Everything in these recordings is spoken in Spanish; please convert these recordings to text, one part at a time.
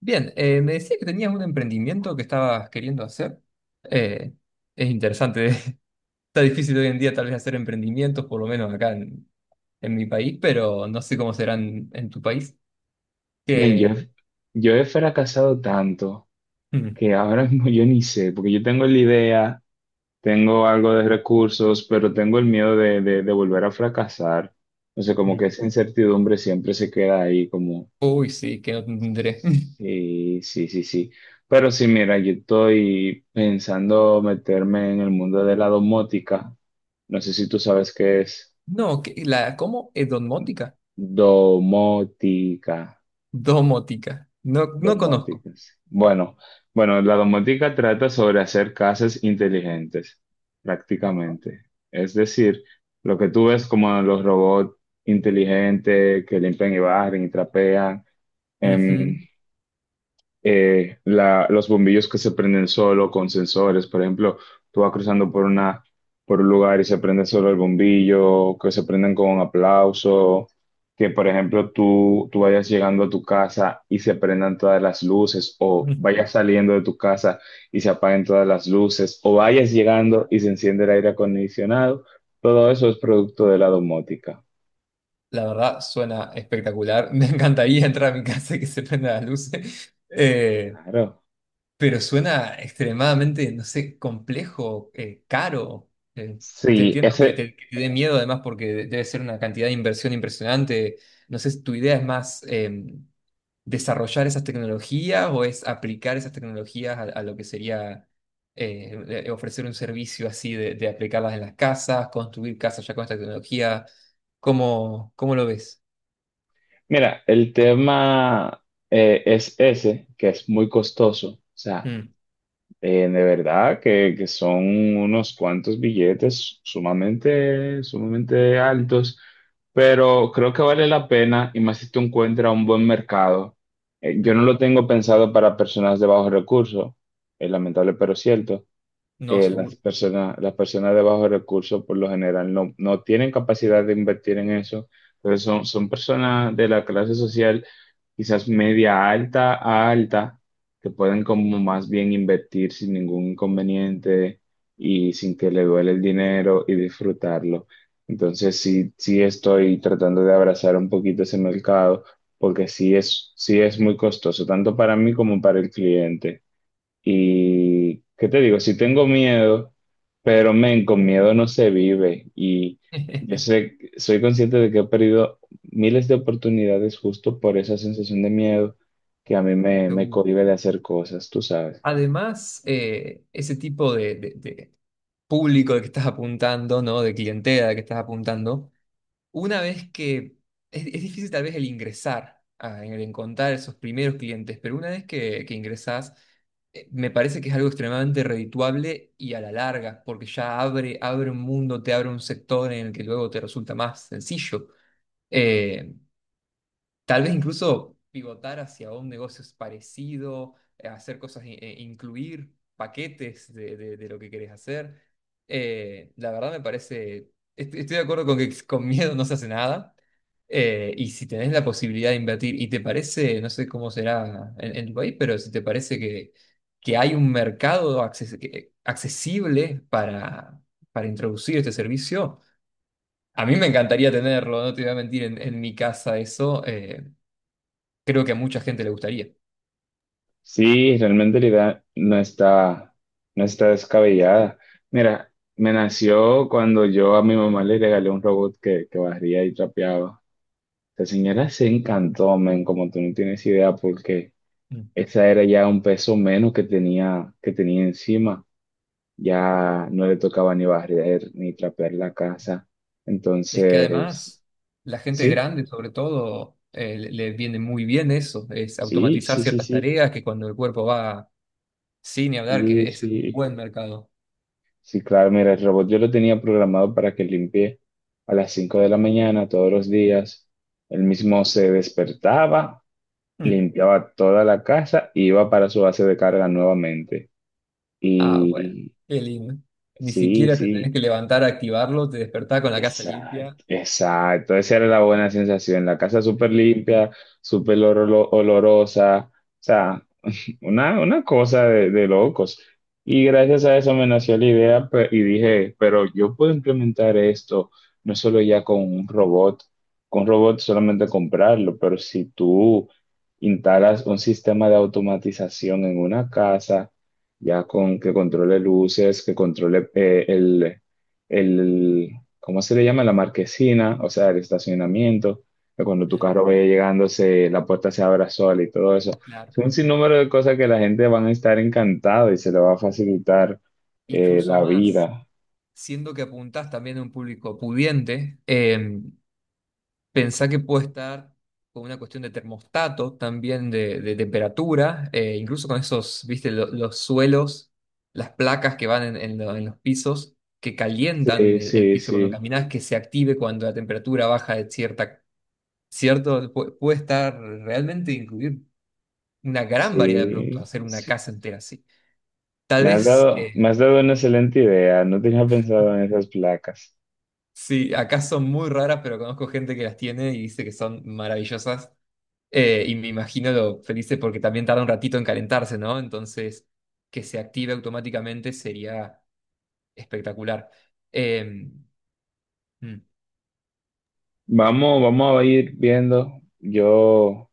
Bien, me decía que tenías un emprendimiento que estabas queriendo hacer. Eh, es interesante. Está difícil hoy en día tal vez hacer emprendimientos, por lo menos acá en mi país, pero no sé cómo serán en tu país. Bien, Que, yo he fracasado tanto mm, que ahora mismo yo ni sé, porque yo tengo la idea, tengo algo de recursos, pero tengo el miedo de volver a fracasar. No sé, como mm. que esa incertidumbre siempre se queda ahí, como, Uy, sí, que no tendré. sí, sí, sí, sí. Pero sí, mira, yo estoy pensando meterme en el mundo de la domótica. No sé si tú sabes qué es No, ¿cómo? ¿Es domótica? domótica. Domótica. No, no conozco. Domóticas. Bueno, bueno, la domótica trata sobre hacer casas inteligentes, prácticamente. Es decir, lo que tú ves como los robots inteligentes que limpian y barren y trapean, em, Ujú. Los bombillos que se prenden solo con sensores. Por ejemplo, tú vas cruzando por una, por un lugar y se prende solo el bombillo, que se prenden con un aplauso, que por ejemplo tú vayas llegando a tu casa y se prendan todas las luces, o Mm. vayas saliendo de tu casa y se apaguen todas las luces, o vayas llegando y se enciende el aire acondicionado. Todo eso es producto de la domótica. La verdad, suena espectacular. Me encantaría entrar a mi casa y que se prenda la luz. Claro. Pero suena extremadamente, no sé, complejo, caro. Eh, Te Sí, entiendo que ese, que te dé miedo además porque debe ser una cantidad de inversión impresionante. No sé si tu idea es más desarrollar esas tecnologías o es aplicar esas tecnologías a lo que sería ofrecer un servicio así de aplicarlas en las casas, construir casas ya con esta tecnología. ¿Cómo, cómo lo ves? Mira, el tema es ese, que es muy costoso. O sea, Mm, de verdad que son unos cuantos billetes sumamente, sumamente altos, pero creo que vale la pena y más si tú encuentras un buen mercado. Yo no mm, lo tengo pensado para personas de bajos recursos, es lamentable pero cierto. no, seguro. Las personas de bajos recursos por lo general no tienen capacidad de invertir en eso, pero son personas de la clase social quizás media alta a alta que pueden como más bien invertir sin ningún inconveniente y sin que le duele el dinero y disfrutarlo. Entonces sí, sí estoy tratando de abrazar un poquito ese mercado porque sí es muy costoso, tanto para mí como para el cliente. Y, ¿qué te digo? Si tengo miedo, pero men, con miedo no se vive. Y yo sé, soy consciente de que he perdido miles de oportunidades justo por esa sensación de miedo que me Seguro. cohíbe de hacer cosas, tú sabes. Además, ese tipo de público al que estás apuntando, ¿no? De clientela al que estás apuntando, una vez que es difícil tal vez el ingresar, el encontrar esos primeros clientes, pero una vez que ingresás, me parece que es algo extremadamente redituable y a la larga, porque ya abre, abre un mundo, te abre un sector en el que luego te resulta más sencillo. Eh, Tal vez incluso pivotar hacia un negocio es parecido, hacer cosas, incluir paquetes de lo que querés hacer. La verdad me parece, estoy de acuerdo con que con miedo no se hace nada. Y si tenés la posibilidad de invertir y te parece, no sé cómo será en tu país, pero si te parece que hay un mercado accesible para introducir este servicio, a mí me encantaría tenerlo, no te voy a mentir, en mi casa eso. Creo que a mucha gente le gustaría. Sí, realmente la idea no está, no está descabellada. Mira, me nació cuando yo a mi mamá le regalé un robot que barría y trapeaba. La señora se encantó, men, como tú no tienes idea, porque Mm. esa era ya un peso menos que tenía encima. Ya no le tocaba ni barrer ni trapear la casa. Es que Entonces, además, la gente sí, grande, sobre todo, le viene muy bien eso, es sí, automatizar sí, sí, ciertas sí, tareas que cuando el cuerpo va sin ni hablar, sí, que es un sí. buen mercado. Sí, claro, mira, el robot yo lo tenía programado para que limpie a las 5 de la mañana todos los días. Él mismo se despertaba, Mm. limpiaba toda la casa y iba para su base de carga nuevamente. Ah, bueno, Y qué lindo. Ni sí, siquiera te tenés sí. que levantar a activarlo, te despertás con la casa limpia. Exacto, exacto. Esa era la buena sensación. La casa súper Sí. limpia, olorosa. O sea, una cosa de locos. Y gracias a eso me nació la idea y dije, pero yo puedo implementar esto no solo ya con un robot solamente comprarlo, pero si tú instalas un sistema de automatización en una casa, ya con que controle luces, que controle el, ¿cómo se le llama? La marquesina, o sea, el estacionamiento, que cuando tu Mm, carro vaya llegando, la puerta se abra sola y todo eso claro. son un sinnúmero de cosas que la gente van a estar encantada y se le va a facilitar Incluso la más, vida. siendo que apuntás también a un público pudiente, pensá que puede estar con una cuestión de termostato, también de temperatura, incluso con esos, viste, los suelos, las placas que van en, en los pisos, que calientan Sí, el sí, piso cuando sí, caminas, que se active cuando la temperatura baja de cierta, cierto. Puede estar realmente incluir una gran variedad de productos, sí, hacer una sí. casa entera así. Tal vez, Me has dado una excelente idea. No tenía pensado en esas placas. sí, acá son muy raras, pero conozco gente que las tiene y dice que son maravillosas. Y me imagino lo felices porque también tarda un ratito en calentarse, ¿no? Entonces, que se active automáticamente sería espectacular. Eh, mm. Vamos, vamos a ir viendo. Yo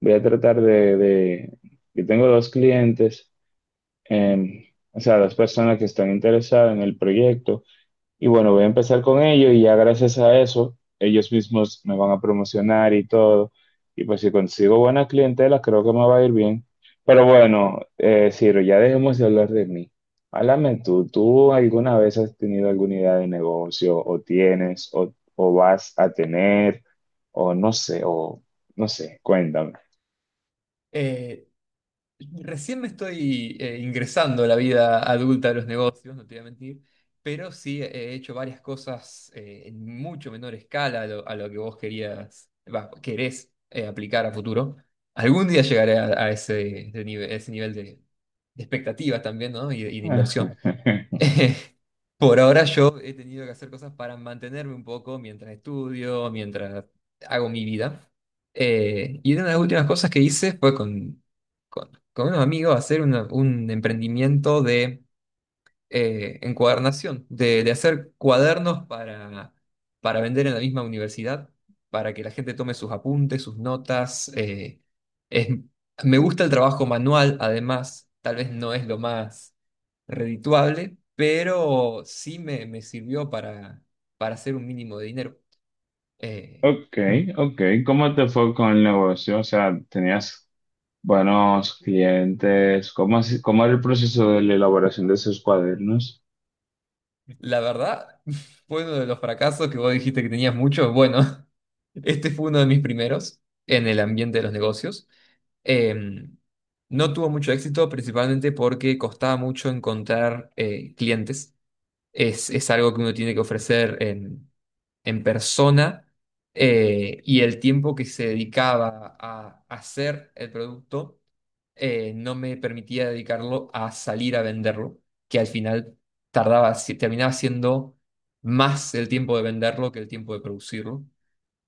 voy a tratar yo tengo dos clientes, em, o sea, dos personas que están interesadas en el proyecto. Y bueno, voy a empezar con ellos y ya gracias a eso, ellos mismos me van a promocionar y todo. Y pues si consigo buena clientela, creo que me va a ir bien. Pero bueno, Ciro, ya dejemos de hablar de mí. Háblame tú, ¿tú alguna vez has tenido alguna idea de negocio o tienes o vas a tener o no sé, cuéntame. Eh, Recién me estoy ingresando a la vida adulta de los negocios, no te voy a mentir, pero sí he hecho varias cosas en mucho menor escala a lo que vos querías, va, querés aplicar a futuro. Algún día llegaré a ese, ese nivel de expectativas también, ¿no? Y de inversión. Por ahora yo he tenido que hacer cosas para mantenerme un poco mientras estudio, mientras hago mi vida. Y una de las últimas cosas que hice fue con unos amigos hacer un emprendimiento de encuadernación, de hacer cuadernos para vender en la misma universidad, para que la gente tome sus apuntes, sus notas. Es- Me gusta el trabajo manual, además, tal vez no es lo más redituable, pero sí me sirvió para hacer un mínimo de dinero. Eh, Ok, ok, ¿cómo te fue con el negocio? O sea, ¿tenías buenos clientes? ¿Cómo, cómo era el proceso de la elaboración de esos cuadernos? la verdad, fue uno de los fracasos que vos dijiste que tenías muchos. Bueno, este fue uno de mis primeros en el ambiente de los negocios. Em, no tuvo mucho éxito, principalmente porque costaba mucho encontrar clientes. Es algo que uno tiene que ofrecer en persona y el tiempo que se dedicaba a hacer el producto no me permitía dedicarlo a salir a venderlo, que al final tardaba, terminaba siendo más el tiempo de venderlo que el tiempo de producirlo.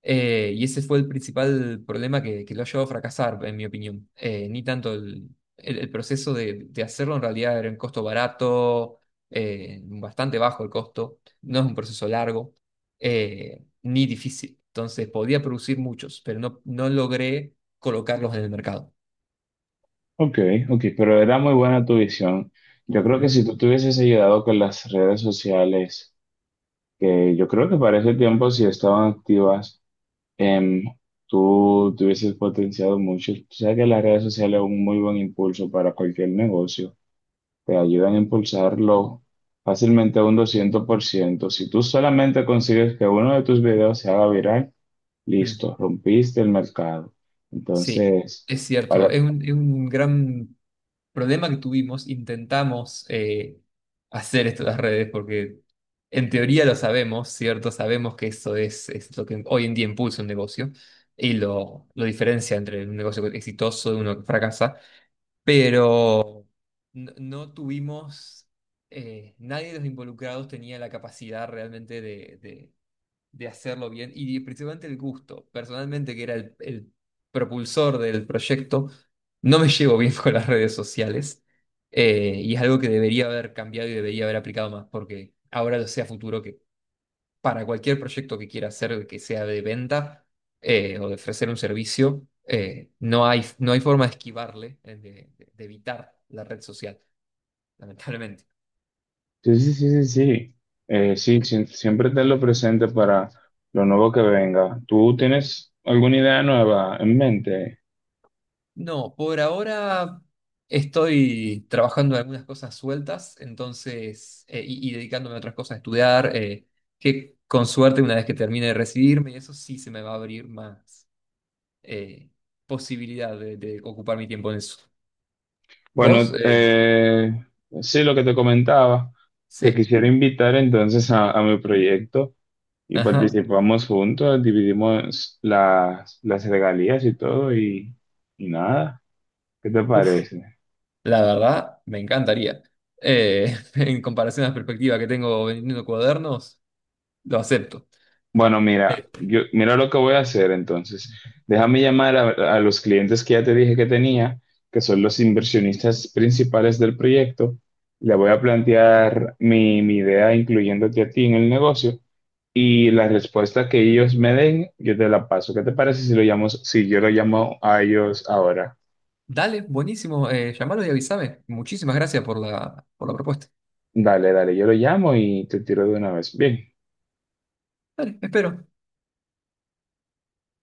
Y ese fue el principal problema que lo ha llevado a fracasar, en mi opinión. Ni tanto el proceso de hacerlo, en realidad era un costo barato, bastante bajo el costo, no es un proceso largo, ni difícil. Entonces podía producir muchos, pero no, no logré colocarlos en el mercado. Ok, ok, pero era muy buena tu visión. Yo creo que Ujú. si tú te hubieses ayudado con las redes sociales, que yo creo que para ese tiempo si estaban activas, em, tú te hubieses potenciado mucho. Tú sabes que las redes sociales son un muy buen impulso para cualquier negocio. Te ayudan a impulsarlo fácilmente a un 200%. Si tú solamente consigues que uno de tus videos se haga viral, Mm. listo, rompiste el mercado. Sí, Entonces, es cierto, para... es un gran problema que tuvimos, intentamos hacer esto de las redes, porque en teoría lo sabemos, ¿cierto? Sabemos que eso es lo que hoy en día impulsa un negocio y lo diferencia entre un negocio exitoso de uno que fracasa, pero no, no tuvimos, nadie de los involucrados tenía la capacidad realmente de, de hacerlo bien y principalmente el gusto. Personalmente, que era el propulsor del proyecto, no me llevo bien con las redes sociales y es algo que debería haber cambiado y debería haber aplicado más porque ahora lo sé a futuro que para cualquier proyecto que quiera hacer, que sea de venta o de ofrecer un servicio, no hay, no hay forma de esquivarle, de evitar la red social, lamentablemente. Sí, sí, sí, sí, sí. Sí, siempre tenlo presente para lo nuevo que venga. ¿Tú tienes alguna idea nueva en mente? No, por ahora estoy trabajando en algunas cosas sueltas, entonces, y dedicándome a otras cosas, a estudiar, que con suerte una vez que termine de recibirme, eso sí se me va a abrir más eh, posibilidad de ocupar mi tiempo en eso. ¿Vos? Bueno, sí, lo que te comentaba, te Sí. quisiera invitar entonces a mi proyecto. Y Ajá. participamos juntos, dividimos las regalías y todo, y nada. ¿Qué te Uf, parece? la verdad, me encantaría. En comparación a la perspectiva que tengo vendiendo cuadernos, lo acepto. Bueno, Eh, mira, yo, mira lo que voy a hacer entonces. Déjame llamar a los clientes que ya te dije que tenía, que son los inversionistas principales del proyecto. Le voy a plantear mi idea incluyéndote a ti en el negocio y la respuesta que ellos me den, yo te la paso. ¿Qué te parece si lo llamo, si yo lo llamo a ellos ahora? Dale, buenísimo. Llamalo y avísame. Muchísimas gracias por la propuesta. Dale, dale, yo lo llamo y te tiro de una vez. Bien. Dale, espero.